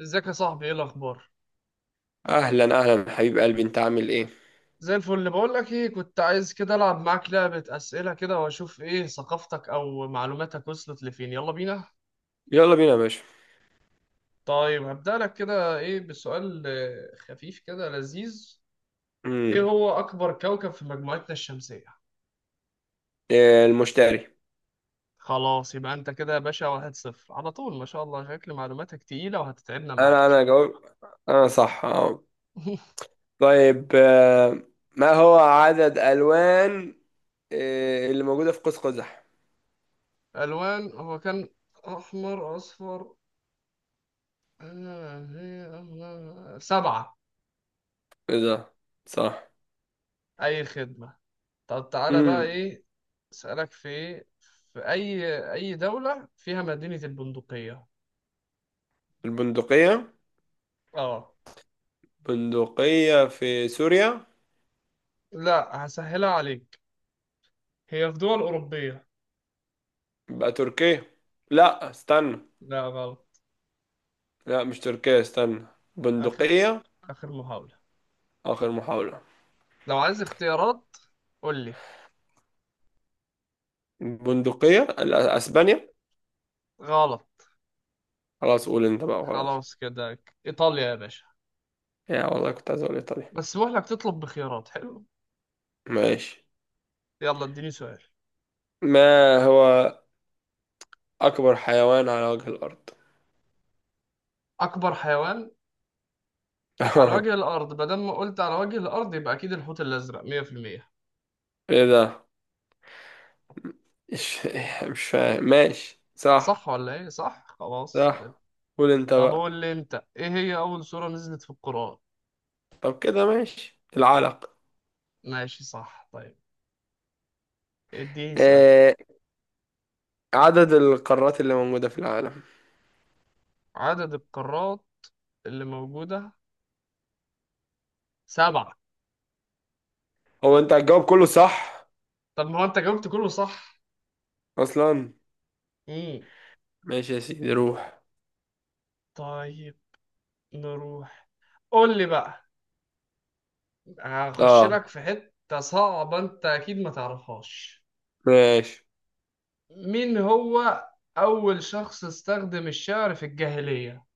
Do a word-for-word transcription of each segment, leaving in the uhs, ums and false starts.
ازيك يا صاحبي؟ ايه الاخبار؟ اهلا اهلا حبيب قلبي، انت عامل ايه؟ زي الفل. بقول لك ايه، كنت عايز كده العب معاك لعبة اسئلة كده واشوف ايه ثقافتك او معلوماتك وصلت لفين. يلا بينا. يلا بينا يا باشا. طيب هبدأ لك كده ايه بسؤال آه، خفيف كده لذيذ. ايه امم هو اكبر كوكب في مجموعتنا الشمسية؟ إيه، المشتري. خلاص، يبقى انت كده يا باشا واحد صفر على طول. ما شاء الله، شكل معلوماتك تقيلة وهتتعبنا انا معاك. انا جاوب. انا صح، اه. طيب. آه، ما هو عدد الوان إيه اللي موجوده في قوس قزح؟ الوان هو كان احمر اصفر سبعة. ايه ده، صح. اي خدمة. طب تعالى بقى امم ايه اسألك في في اي اي دولة فيها مدينة البندقية؟ البندقيه، اه. بندقيه في سوريا. لا، هسهلها عليك. هي في دول أوروبية. يبقى تركيا، لا استنى. لا غلط. لا مش تركيا، استنى. آخر بندقيه، آخر محاولة. اخر محاوله. لو عايز اختيارات قول لي. بندقيه، لا، اسبانيا. غلط. خلاص قول انت بقى، خلاص. خلاص كده. إيطاليا يا باشا. يا والله كنت عايز اقول ايطاليا. بس بقول لك تطلب بخيارات حلو. ماشي. يلا اديني سؤال. ما هو اكبر حيوان على وجه الارض؟ أكبر حيوان على وجه الأرض، بدل ما قلت على وجه الأرض يبقى أكيد الحوت الأزرق. مية في المية. ايه ده؟ مش مش فاهم، ماشي صح. صح ولا إيه؟ صح، خلاص. صح، قول انت طب بقى. قول لي انت ايه هي اول سورة نزلت في القرآن؟ طب كده ماشي، العلق. ماشي صح. طيب اديني سؤال. آه، عدد القارات اللي موجودة في العالم؟ عدد القارات اللي موجودة سبعة. هو انت هتجاوب كله صح طب ما هو انت جاوبت كله صح. اصلا؟ امم. ماشي يا سيدي، روح. طيب نروح. قول لي بقى، هخش اه لك في حتة صعبة انت اكيد ما تعرفهاش. ماشي. مين هو اول شخص استخدم الشعر في الجاهلية؟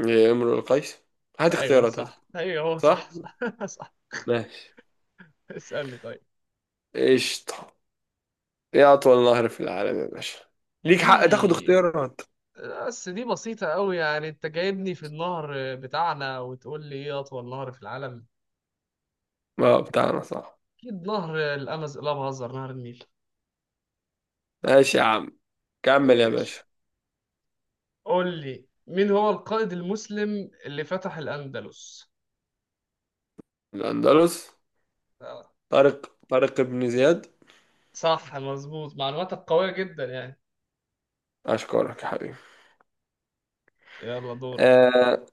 يا امرؤ القيس، هات ايوه اختيارات هات. صح، ايوه هو صح. صح صح. صح. ماشي. اسألني طيب. قشطة. ايه اطول نهر في العالم يا باشا؟ ليك دي حق تاخد اختيارات. بس دي بسيطة أوي. يعني أنت جايبني في النهر بتاعنا وتقول لي إيه أطول نهر في العالم؟ اه بتاعنا، صح. أكيد نهر الأمز، لا بهزر، نهر النيل. ماشي يا عم، كمل يا ماشي. باشا. قول لي مين هو القائد المسلم اللي فتح الأندلس؟ الاندلس، آه. طارق طارق بن زياد. صح مظبوط، معلوماتك قوية جدا يعني. اشكرك يا حبيبي. يلا دورك. آه،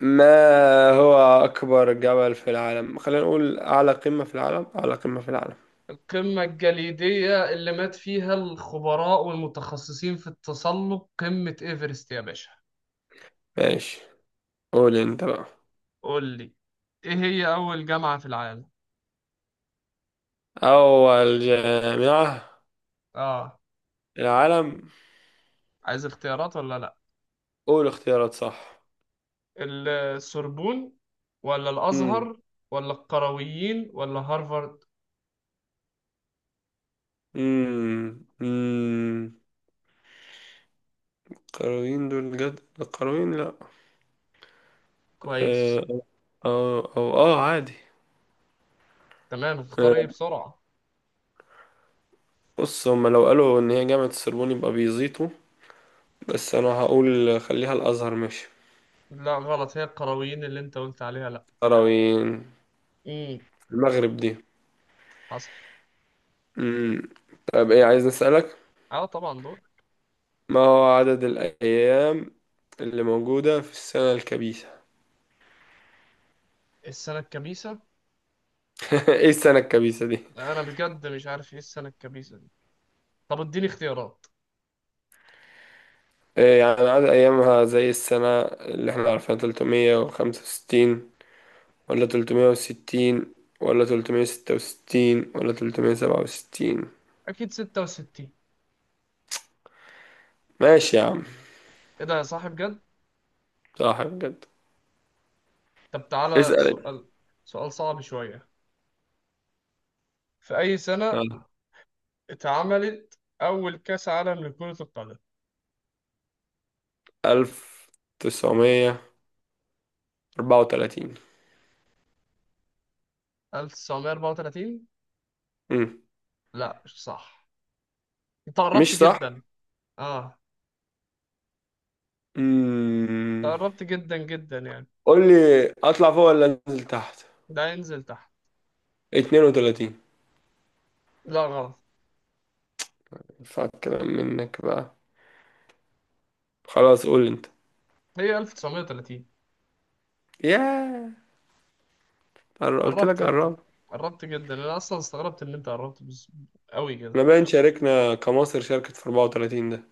ما هو اكبر جبل في العالم؟ خلينا نقول اعلى قمة في العالم، اعلى قمة في العالم. القمة الجليدية اللي مات فيها الخبراء والمتخصصين في التسلق، قمة إيفرست يا باشا. ماشي، قول انت بقى. قول لي إيه هي أول جامعة في العالم؟ اول جامعة آه. في العالم؟ عايز اختيارات ولا لأ؟ قول اختيارات، صح. السوربون، ولا امم الأزهر، ولا القرويين، ولا هارفارد. امم امم القرويين، دول جد القرويين، لا. كويس. آه، اه او اه، عادي. تمام، اختار ايه آه، بسرعة. بص هما لو قالوا ان هي جامعة السربون يبقى بيزيطوا. بس انا هقول خليها الازهر، ماشي. لا غلط، هي القرويين اللي انت قلت عليها. لا. تراوين امم. المغرب دي. حصل. امم طب ايه عايز نسألك. اه طبعا دور. ما هو عدد الايام اللي موجودة في السنة الكبيسة؟ السنة الكبيسة. ايه السنة الكبيسة دي؟ لا، انا بجد مش عارف ايه السنة الكبيسة دي. طب اديني اختيارات. إيه يعني، عدد ايامها زي السنة اللي احنا عارفينها، ثلاث مية وخمسة وستين ولا ثلاث مية وستين ولا ثلاث مية وستة وستين ولا ثلاث مية وسبعة وستين؟ اكيد ستة وستين. ماشي يا عم. ايه ده يا صاحب بجد. صح بجد. طب تعالى اسأل انت. سؤال. سؤال صعب شوية. في اي سنة يلا. اتعملت اول كأس عالم لكرة القدم؟ ألف وتسع مية واربعة وثلاثين. ألف وتسعمية وأربعة وثلاثين؟ امم لا مش صح. انت قربت مش صح؟ جدا. اه. امم انت قربت جدا جدا يعني. قول لي، اطلع فوق ولا انزل تحت؟ لا، ينزل تحت. اتنين وثلاثين. لا غلط. ينفع الكلام منك بقى؟ خلاص قول انت. هي ألف وتسعمية وثلاثين. ياه، قر- قلت قربت لك انت، قرب. قربت جدا، انا اصلا استغربت ان انت قربت بس... قوي كده. احنا باين شاركنا، كمصر شاركت في اربعة وثلاثين ده.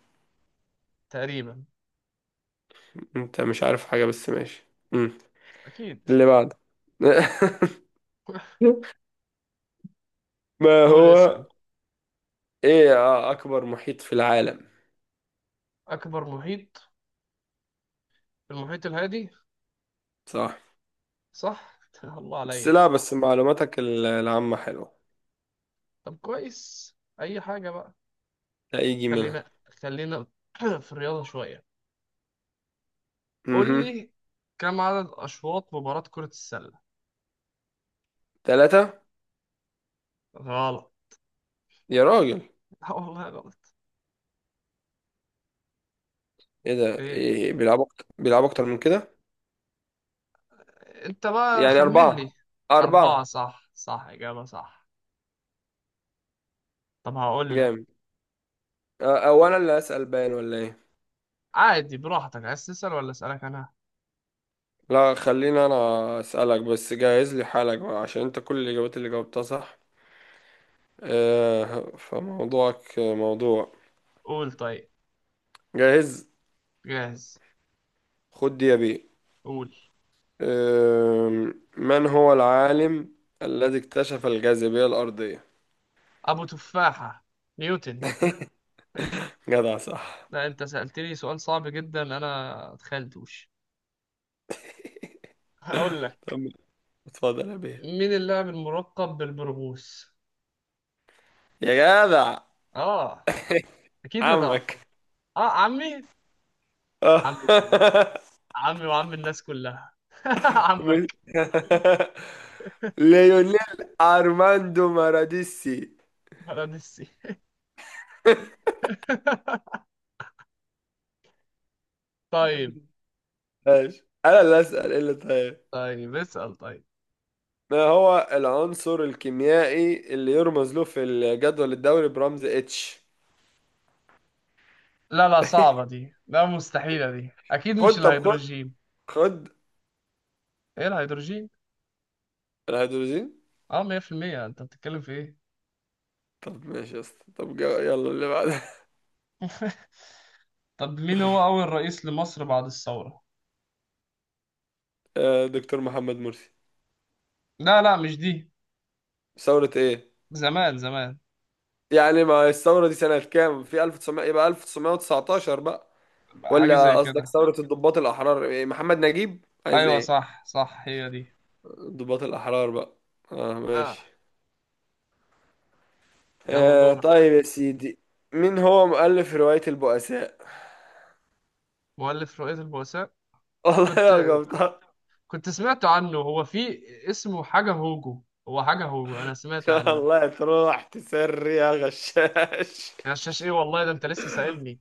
تقريبا. انت مش عارف حاجة بس، ماشي. امم اكيد. اللي بعد. ما قول هو، اسال. ايه اكبر محيط في العالم؟ اكبر محيط، المحيط الهادي. صح. صح. الله بس عليا. لا، بس معلوماتك ال- العامة حلوة. طب كويس، اي حاجه بقى. هيجي منها. خلينا خلينا في الرياضه شويه. قول امم لي كم عدد اشواط مباراه كره السله؟ ثلاثة. غلط. يا راجل. لا والله غلط. ايه ده؟ ايه، إيه، بيلعبوا أكتر، بيلعبوا أكتر من كده؟ انت بقى يعني خمن أربعة، لي. أربعة أربعة. صح، صح إجابة صح. طب هقول لك. جامد. أ- أو أنا اللي أسأل باين ولا إيه؟ عادي براحتك، عايز تسأل ولا أسألك أنا؟ لا خليني أنا أسألك، بس جهز لي حالك بقى عشان أنت كل الإجابات اللي جاوبتها صح. آه، فموضوعك موضوع. قول طيب. جاهز. جاهز. خد دي يا بيه. قول. آه، من هو العالم الذي اكتشف الجاذبية الأرضية؟ أبو تفاحة. نيوتن. جدع، صح. لا أنت سألتني سؤال صعب جدا أنا متخيلتوش. هقول لك. طب اتفضل يا بيه. مين اللاعب الملقب بالبرغوث؟ يا جدع، آه. أكيد ما عمك. تعرفه. آه عمي. عمي آه. طبعا. عمي وعم الناس كلها. مش- عمك. ليونيل ارماندو ماراديسي. بلد السي. طيب. ماشي، انا اللي اسال ايه اللي طيب. طيب اسأل طيب. ما هو العنصر الكيميائي اللي يرمز له في الجدول الدوري برمز اتش؟ لا لا صعبة دي، لا مستحيلة دي، أكيد خد مش طب خد الهيدروجين. خد إيه الهيدروجين؟ الهيدروجين. أه مية بالمية. أنت بتتكلم في إيه؟ طب ماشي يا اسطى، طب جا- يلا اللي بعده. طب مين هو أول رئيس لمصر بعد الثورة؟ آه، دكتور محمد مرسي. لا لا مش دي. ثورة ايه زمان زمان. يعني؟ ما الثورة دي سنة كام، في ألف وتسع مية يبقى ألف وتسع مية وتسعتاشر بقى؟ حاجة زي ولا قصدك كده. ثورة الضباط الأحرار، إيه، محمد نجيب عايز أيوة ايه؟ صح صح هي دي. ضباط الأحرار بقى. اه ماشي. آه. يلا آه، دورك. طيب يا سيدي. مين هو مؤلف رواية البؤساء؟ مؤلف رؤية البؤساء. والله كنت يا ك- قبطان، كنت سمعت عنه. هو في، اسمه حاجة هوجو. هو حاجة هوجو، أنا سمعت عنه. والله تروح تسري يا غشاش، يا غشاش إيه والله، ده أنت لسه سائلني.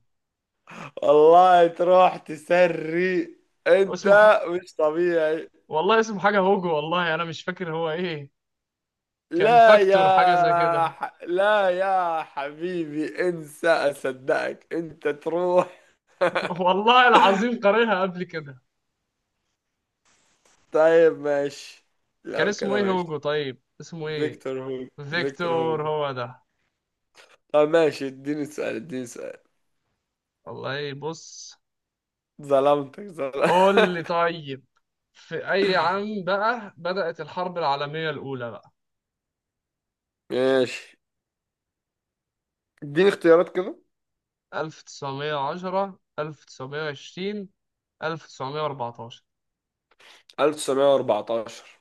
والله تروح تسري. انت اسمه ح... مش طبيعي. والله اسمه حاجة هوجو، والله أنا مش فاكر هو إيه. كان لا فاكتور حاجة زي يا كده. ح... لا يا حبيبي، انسى اصدقك انت، تروح. والله العظيم قارنها قبل كده. طيب ماشي، كان لو اسمه كده ايه ماشي. هوجو؟ طيب اسمه ايه؟ فيكتور هوجو، فيكتور فيكتور هوجو. هو ده. طب ماشي، اديني سؤال اديني سؤال. والله بص. ظلمتك، ظلمتك. قول لي طيب. في أي عام بقى بدأت الحرب العالمية الأولى بقى؟ ماشي، اديني اختيارات كده. ألف وتسعمية وعشرة، ألف وتسعمية وعشرين، ألف وتسعمية واربعتاشر. ألف وتسع مية واربعتاشر.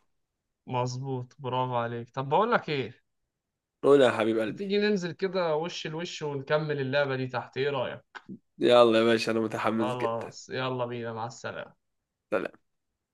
مظبوط برافو عليك. طب بقول لك ايه. قول يا حبيب ما قلبي. تيجي ننزل كده وش لوش ونكمل اللعبة دي تحت، ايه رأيك؟ يلا يا باشا، انا متحمس جدا. خلاص يلا بينا، مع السلامة.